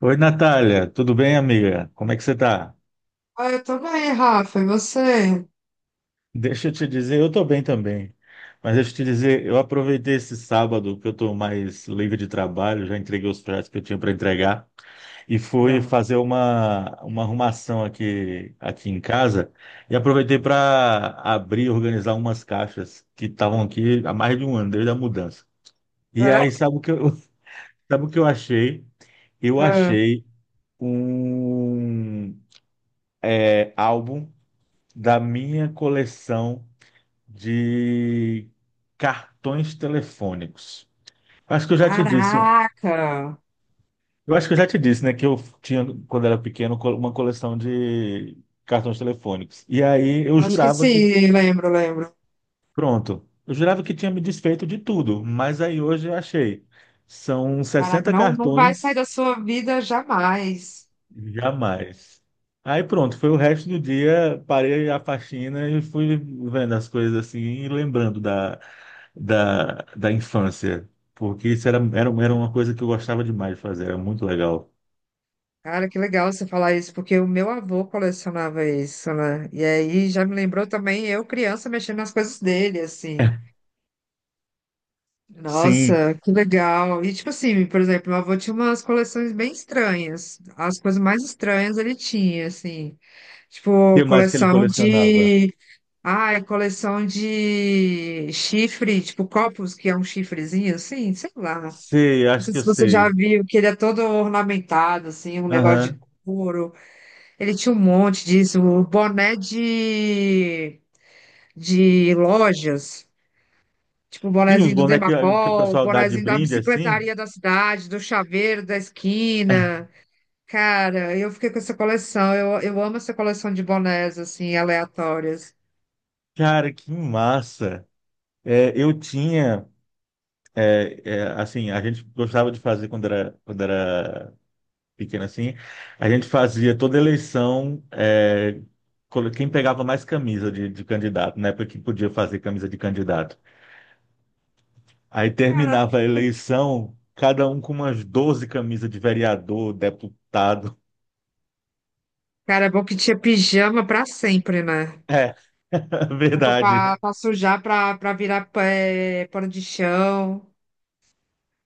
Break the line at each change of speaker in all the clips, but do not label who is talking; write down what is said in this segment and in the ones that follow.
Oi, Natália, tudo bem, amiga? Como é que você tá?
Ah, eu tô bem, Rafa. E você?
Deixa eu te dizer, eu tô bem também, mas deixa eu te dizer, eu aproveitei esse sábado que eu tô mais livre de trabalho, já entreguei os projetos que eu tinha para entregar e fui
Legal.
fazer uma arrumação aqui em casa e aproveitei para abrir e organizar umas caixas que estavam aqui há mais de um ano, desde a mudança. E
Ah,
aí, sabe o que eu, sabe o que eu achei? Eu
ah.
achei um álbum da minha coleção de cartões telefônicos. Acho que eu já te disse,
Caraca!
eu acho que eu já te disse, né, que eu tinha, quando era pequeno, uma coleção de cartões telefônicos. E aí eu
Acho que
jurava que,
sim, lembro.
pronto, eu jurava que tinha me desfeito de tudo, mas aí hoje eu achei. São
Caraca,
60
não vai sair
cartões,
da sua vida jamais.
jamais. Aí pronto, foi o resto do dia, parei a faxina e fui vendo as coisas assim e lembrando da infância, porque isso era uma coisa que eu gostava demais de fazer, era muito legal.
Cara, que legal você falar isso, porque o meu avô colecionava isso, né? E aí já me lembrou também eu, criança, mexendo nas coisas dele, assim.
Sim,
Nossa,
o
que legal. E tipo assim, por exemplo, meu avô tinha umas coleções bem estranhas. As coisas mais estranhas ele tinha, assim. Tipo,
que mais que ele
coleção
colecionava?
de. Ah, é coleção de chifre, tipo copos, que é um chifrezinho assim, sei lá.
Sei,
Não
acho
sei
que eu
se você já
sei.
viu, que ele é todo ornamentado, assim, um negócio de
Aham.
couro. Ele tinha um monte disso, o boné de lojas, tipo o
Tinha uns
bonézinho do
bonecos que o
Demacol, o
pessoal dá de
bonézinho da
brinde assim.
bicicletaria da cidade, do chaveiro da esquina. Cara, eu fiquei com essa coleção, eu amo essa coleção de bonés, assim, aleatórias.
Cara, que massa! É, eu tinha, assim, a gente gostava de fazer quando era pequeno assim, a gente fazia toda eleição, quem pegava mais camisa de candidato, na época que podia fazer camisa de candidato. Aí
Cara,
terminava a eleição, cada um com umas 12 camisas de vereador, deputado.
Cara, é bom que tinha pijama pra sempre, né?
É,
Roupa
verdade,
pra, pra sujar, pra, pra virar pé, pano de chão.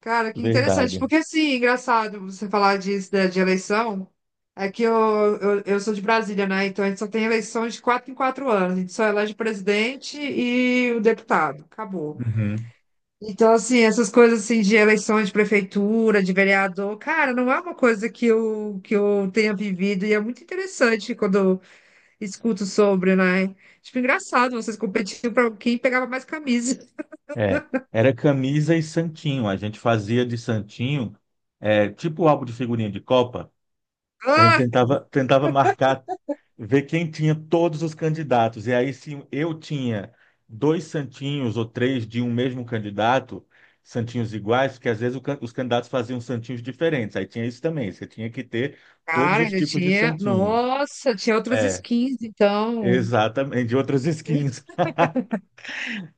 Cara, que interessante.
verdade.
Porque, assim, engraçado você falar disso, né, de eleição. É que eu sou de Brasília, né? Então a gente só tem eleição de quatro em quatro anos. A gente só elege o presidente e o deputado. Acabou.
Uhum.
Então, assim, essas coisas assim de eleições de prefeitura, de vereador, cara, não é uma coisa que eu tenha vivido. E é muito interessante quando escuto sobre, né? Tipo, engraçado, vocês competiam pra quem pegava mais camisa.
É, era camisa e santinho. A gente fazia de santinho, tipo álbum de figurinha de Copa. A gente
Ah,
tentava marcar, ver quem tinha todos os candidatos. E aí, se eu tinha dois santinhos ou três de um mesmo candidato, santinhos iguais, porque às vezes os candidatos faziam santinhos diferentes. Aí tinha isso também. Você tinha que ter todos
cara,
os
ainda
tipos de
tinha.
santinho.
Nossa, tinha outras
É,
skins, então.
exatamente, de outras skins.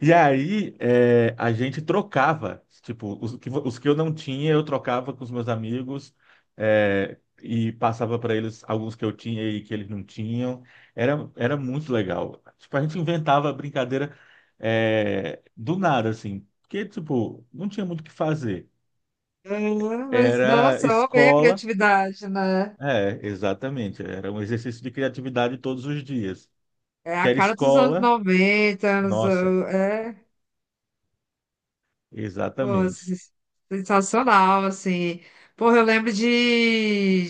E aí, é, a gente trocava, tipo, os que eu não tinha, eu trocava com os meus amigos, e passava para eles alguns que eu tinha e que eles não tinham. Era muito legal. Tipo, a gente inventava brincadeira, do nada, assim, porque, tipo, não tinha muito o que fazer.
É, mas,
Era
nossa, ó, bem a
escola,
criatividade, né?
é, exatamente, era um exercício de criatividade todos os dias.
É
Que
a
era
cara dos anos
escola,
90 anos.
nossa,
É, pô,
exatamente.
sensacional, assim. Porra, eu lembro de,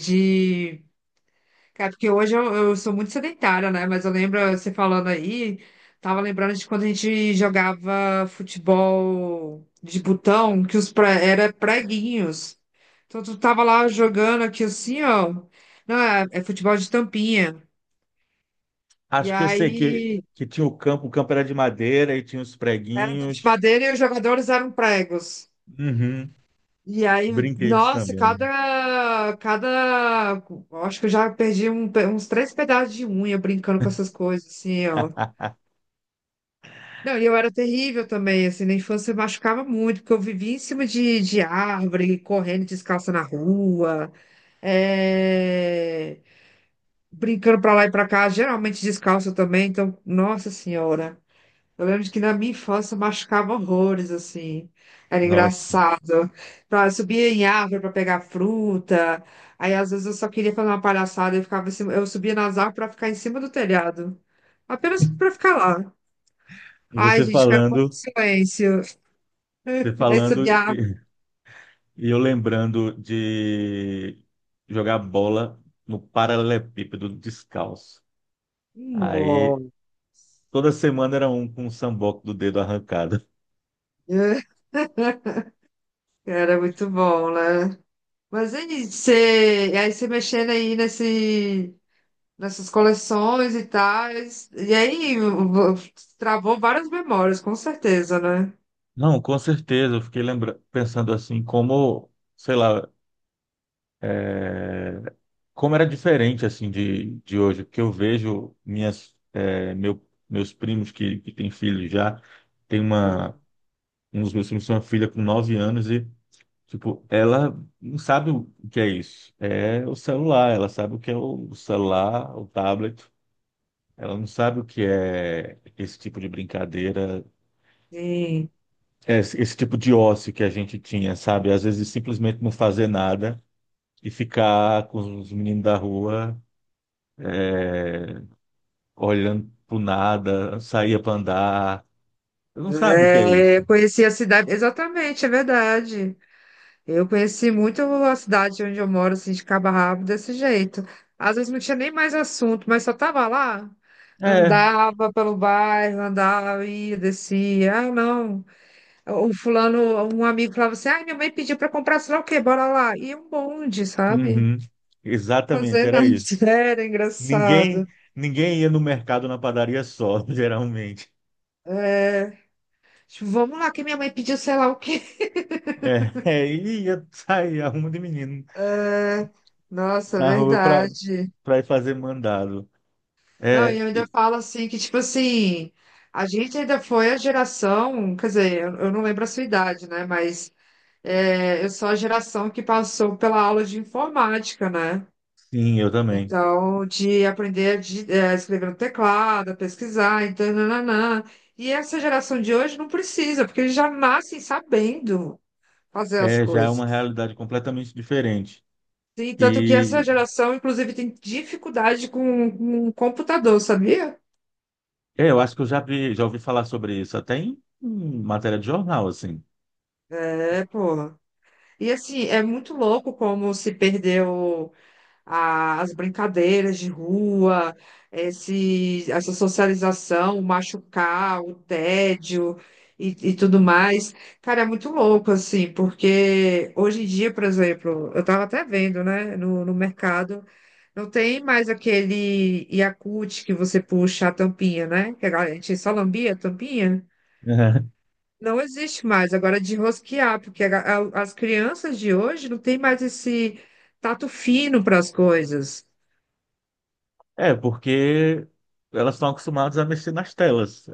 Cara, porque hoje eu sou muito sedentária, né? Mas eu lembro você falando aí, tava lembrando de quando a gente jogava futebol de botão, que os era preguinhos. Então tu tava lá jogando aqui assim, ó. Não, é futebol de tampinha. E
Acho que eu sei que,
aí
que tinha o campo era de madeira e tinha os
era um campo de
preguinhos.
madeira e os jogadores eram pregos.
Uhum.
E aí,
Brinquedos
nossa,
também.
cada, acho que eu já perdi uns três pedaços de unha brincando com essas coisas, assim, ó. Não, e eu era terrível também, assim, na infância eu machucava muito, porque eu vivia em cima de árvore, correndo descalça na rua, é, brincando pra lá e pra cá, geralmente descalça também, então, nossa senhora. Eu lembro de que na minha infância eu machucava horrores, assim, era
Nossa,
engraçado. Pra, eu subia em árvore pra pegar fruta, aí às vezes eu só queria fazer uma palhaçada, eu ficava em cima- eu subia nas árvores pra ficar em cima do telhado, apenas pra ficar lá. Ai,
você
gente, quero um pouco de
falando,
silêncio.
você
Aí
falando
subia a.
e eu lembrando de jogar bola no paralelepípedo descalço. Aí
Nossa,
toda semana era um com um samboco do dedo arrancado.
era muito bom, né? Mas aí você, e aí você mexendo aí nessas coleções e tal, travou várias memórias, com certeza, né?
Não, com certeza, eu fiquei lembra pensando assim, como, sei lá, como era diferente assim de hoje, porque eu vejo minhas meus primos que têm filhos já, tem uma
Ah.
um dos meus primos tem uma filha com 9 anos e tipo, ela não sabe o que é isso. É o celular, ela sabe o que é o celular, o tablet. Ela não sabe o que é esse tipo de brincadeira,
Sim.
é esse tipo de ócio que a gente tinha, sabe? Às vezes simplesmente não fazer nada e ficar com os meninos da rua olhando pro nada, saía para andar. Eu não sabe o que é
É, eu
isso.
conheci a cidade, exatamente, é verdade. Eu conheci muito a cidade onde eu moro, assim, de cabo a rabo, desse jeito. Às vezes não tinha nem mais assunto, mas só tava lá.
É,
Andava pelo bairro, andava, ia, descia. Ah, não. O fulano, um amigo falava assim, ah, minha mãe pediu pra comprar, sei lá o quê, bora lá. E um bonde, sabe?
uhum, exatamente,
Fazer
era
nada.
isso.
Era
Ninguém,
engraçado.
ninguém ia no mercado na padaria só, geralmente.
É, tipo, vamos lá, que minha mãe pediu sei lá o quê.
E ia sair arruma de menino
É, nossa, é
na rua
verdade.
para ir fazer mandado.
Não, e
É,
eu ainda
e-
falo assim que, tipo assim, a gente ainda foi a geração, quer dizer, eu não lembro a sua idade, né? Mas é, eu sou a geração que passou pela aula de informática, né?
sim, eu também.
Então, de é, escrever no teclado, a pesquisar, então, nananã. E essa geração de hoje não precisa, porque eles já nascem sabendo fazer as
É, já é uma
coisas.
realidade completamente diferente.
Sim, tanto que essa
E
geração, inclusive, tem dificuldade com computador, sabia?
é, eu acho que eu já vi, já ouvi falar sobre isso até em, em matéria de jornal, assim.
É, pô. E assim, é muito louco como se perdeu as brincadeiras de rua, essa socialização, o machucar, o tédio e tudo mais. Cara, é muito louco, assim, porque hoje em dia, por exemplo, eu estava até vendo, né, no mercado, não tem mais aquele Yakult que você puxa a tampinha, né? Que a gente só lambia a tampinha. Não existe mais agora de rosquear, porque as crianças de hoje não têm mais esse tato fino para as coisas.
É, porque elas estão acostumadas a mexer nas telas.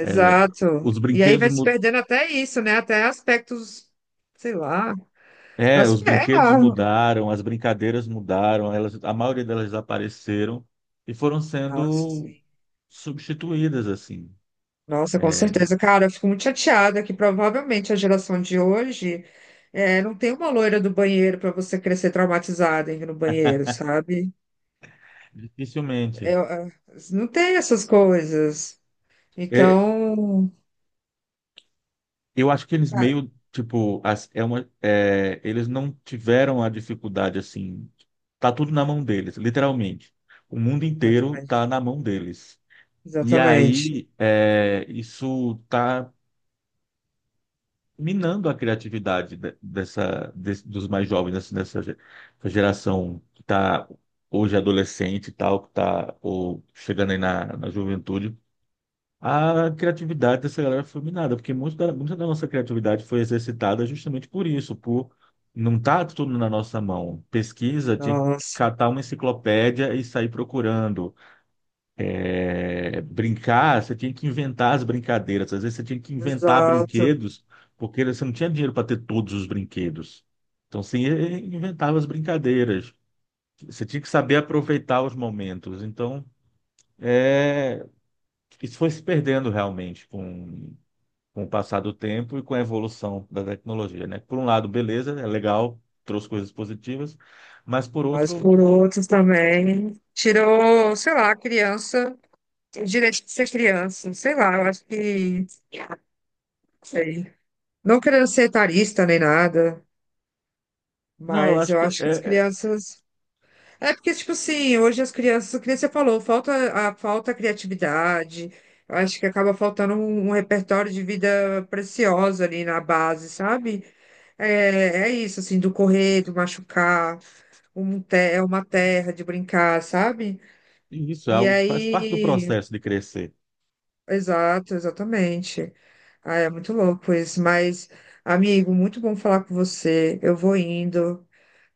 É, os
E aí
brinquedos,
vai se perdendo até isso, né? Até aspectos, sei lá,
é,
as...
os
é,
brinquedos
ah,
mudaram, as brincadeiras mudaram, elas, a maioria delas desapareceram e foram
nossa,
sendo
sim.
substituídas assim,
Nossa, com
é,
certeza, cara, eu fico muito chateada que provavelmente a geração de hoje não tem uma loira do banheiro para você crescer traumatizada indo no banheiro, sabe?
dificilmente.
Eu- eu- não tem essas coisas.
É,
Então,
eu acho que eles meio tipo, é uma, é, eles não tiveram a dificuldade assim. Tá tudo na mão deles, literalmente. O mundo inteiro tá
exatamente.
na mão deles. E
Exatamente.
aí, é, isso está minando a criatividade dessa, dos mais jovens, assim, essa geração que está hoje adolescente e tal, que está ou chegando aí na, na juventude. A criatividade dessa galera foi minada, porque muita da nossa criatividade foi exercitada justamente por isso, por não estar tudo na nossa mão. Pesquisa, tinha que
Nossa,
catar uma enciclopédia e sair procurando é, brincar, você tinha que inventar as brincadeiras. Às vezes você tinha que inventar
exato.
brinquedos, porque você não tinha dinheiro para ter todos os brinquedos. Então você inventava as brincadeiras. Você tinha que saber aproveitar os momentos. Então, é, isso foi se perdendo realmente com o passar do tempo e com a evolução da tecnologia, né? Por um lado, beleza, é legal, trouxe coisas positivas, mas por
Mas
outro,
por outros também tirou, sei lá, a criança, o direito de ser criança, sei lá, eu acho que, não sei. Não querendo ser etarista nem nada,
não, eu
mas
acho
eu
que
acho que as
é, é
crianças. É porque, tipo assim, hoje as crianças, que nem você falou, falta a falta a criatividade. Eu acho que acaba faltando um repertório de vida preciosa ali na base, sabe? É, é isso, assim, do correr, do machucar, é uma terra de brincar, sabe?
isso, é
E
algo que faz parte do
aí,
processo de crescer.
exato, exatamente. Ah, é muito louco isso, mas, amigo, muito bom falar com você. Eu vou indo,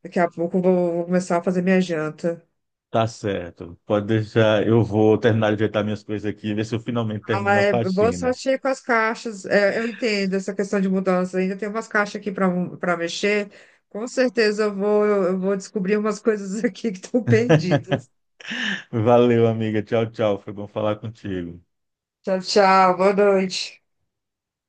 daqui a pouco vou começar a fazer minha janta.
Tá certo. Pode deixar. Eu vou terminar de ajeitar minhas coisas aqui e ver se eu finalmente
Ah,
termino a
é, boa
faxina.
sorte aí com as caixas. É, eu entendo essa questão de mudança, ainda tem umas caixas aqui para mexer. Com certeza eu vou descobrir umas coisas aqui que estão perdidas.
Valeu, amiga. Tchau, tchau. Foi bom falar contigo.
Tchau, tchau. Boa noite.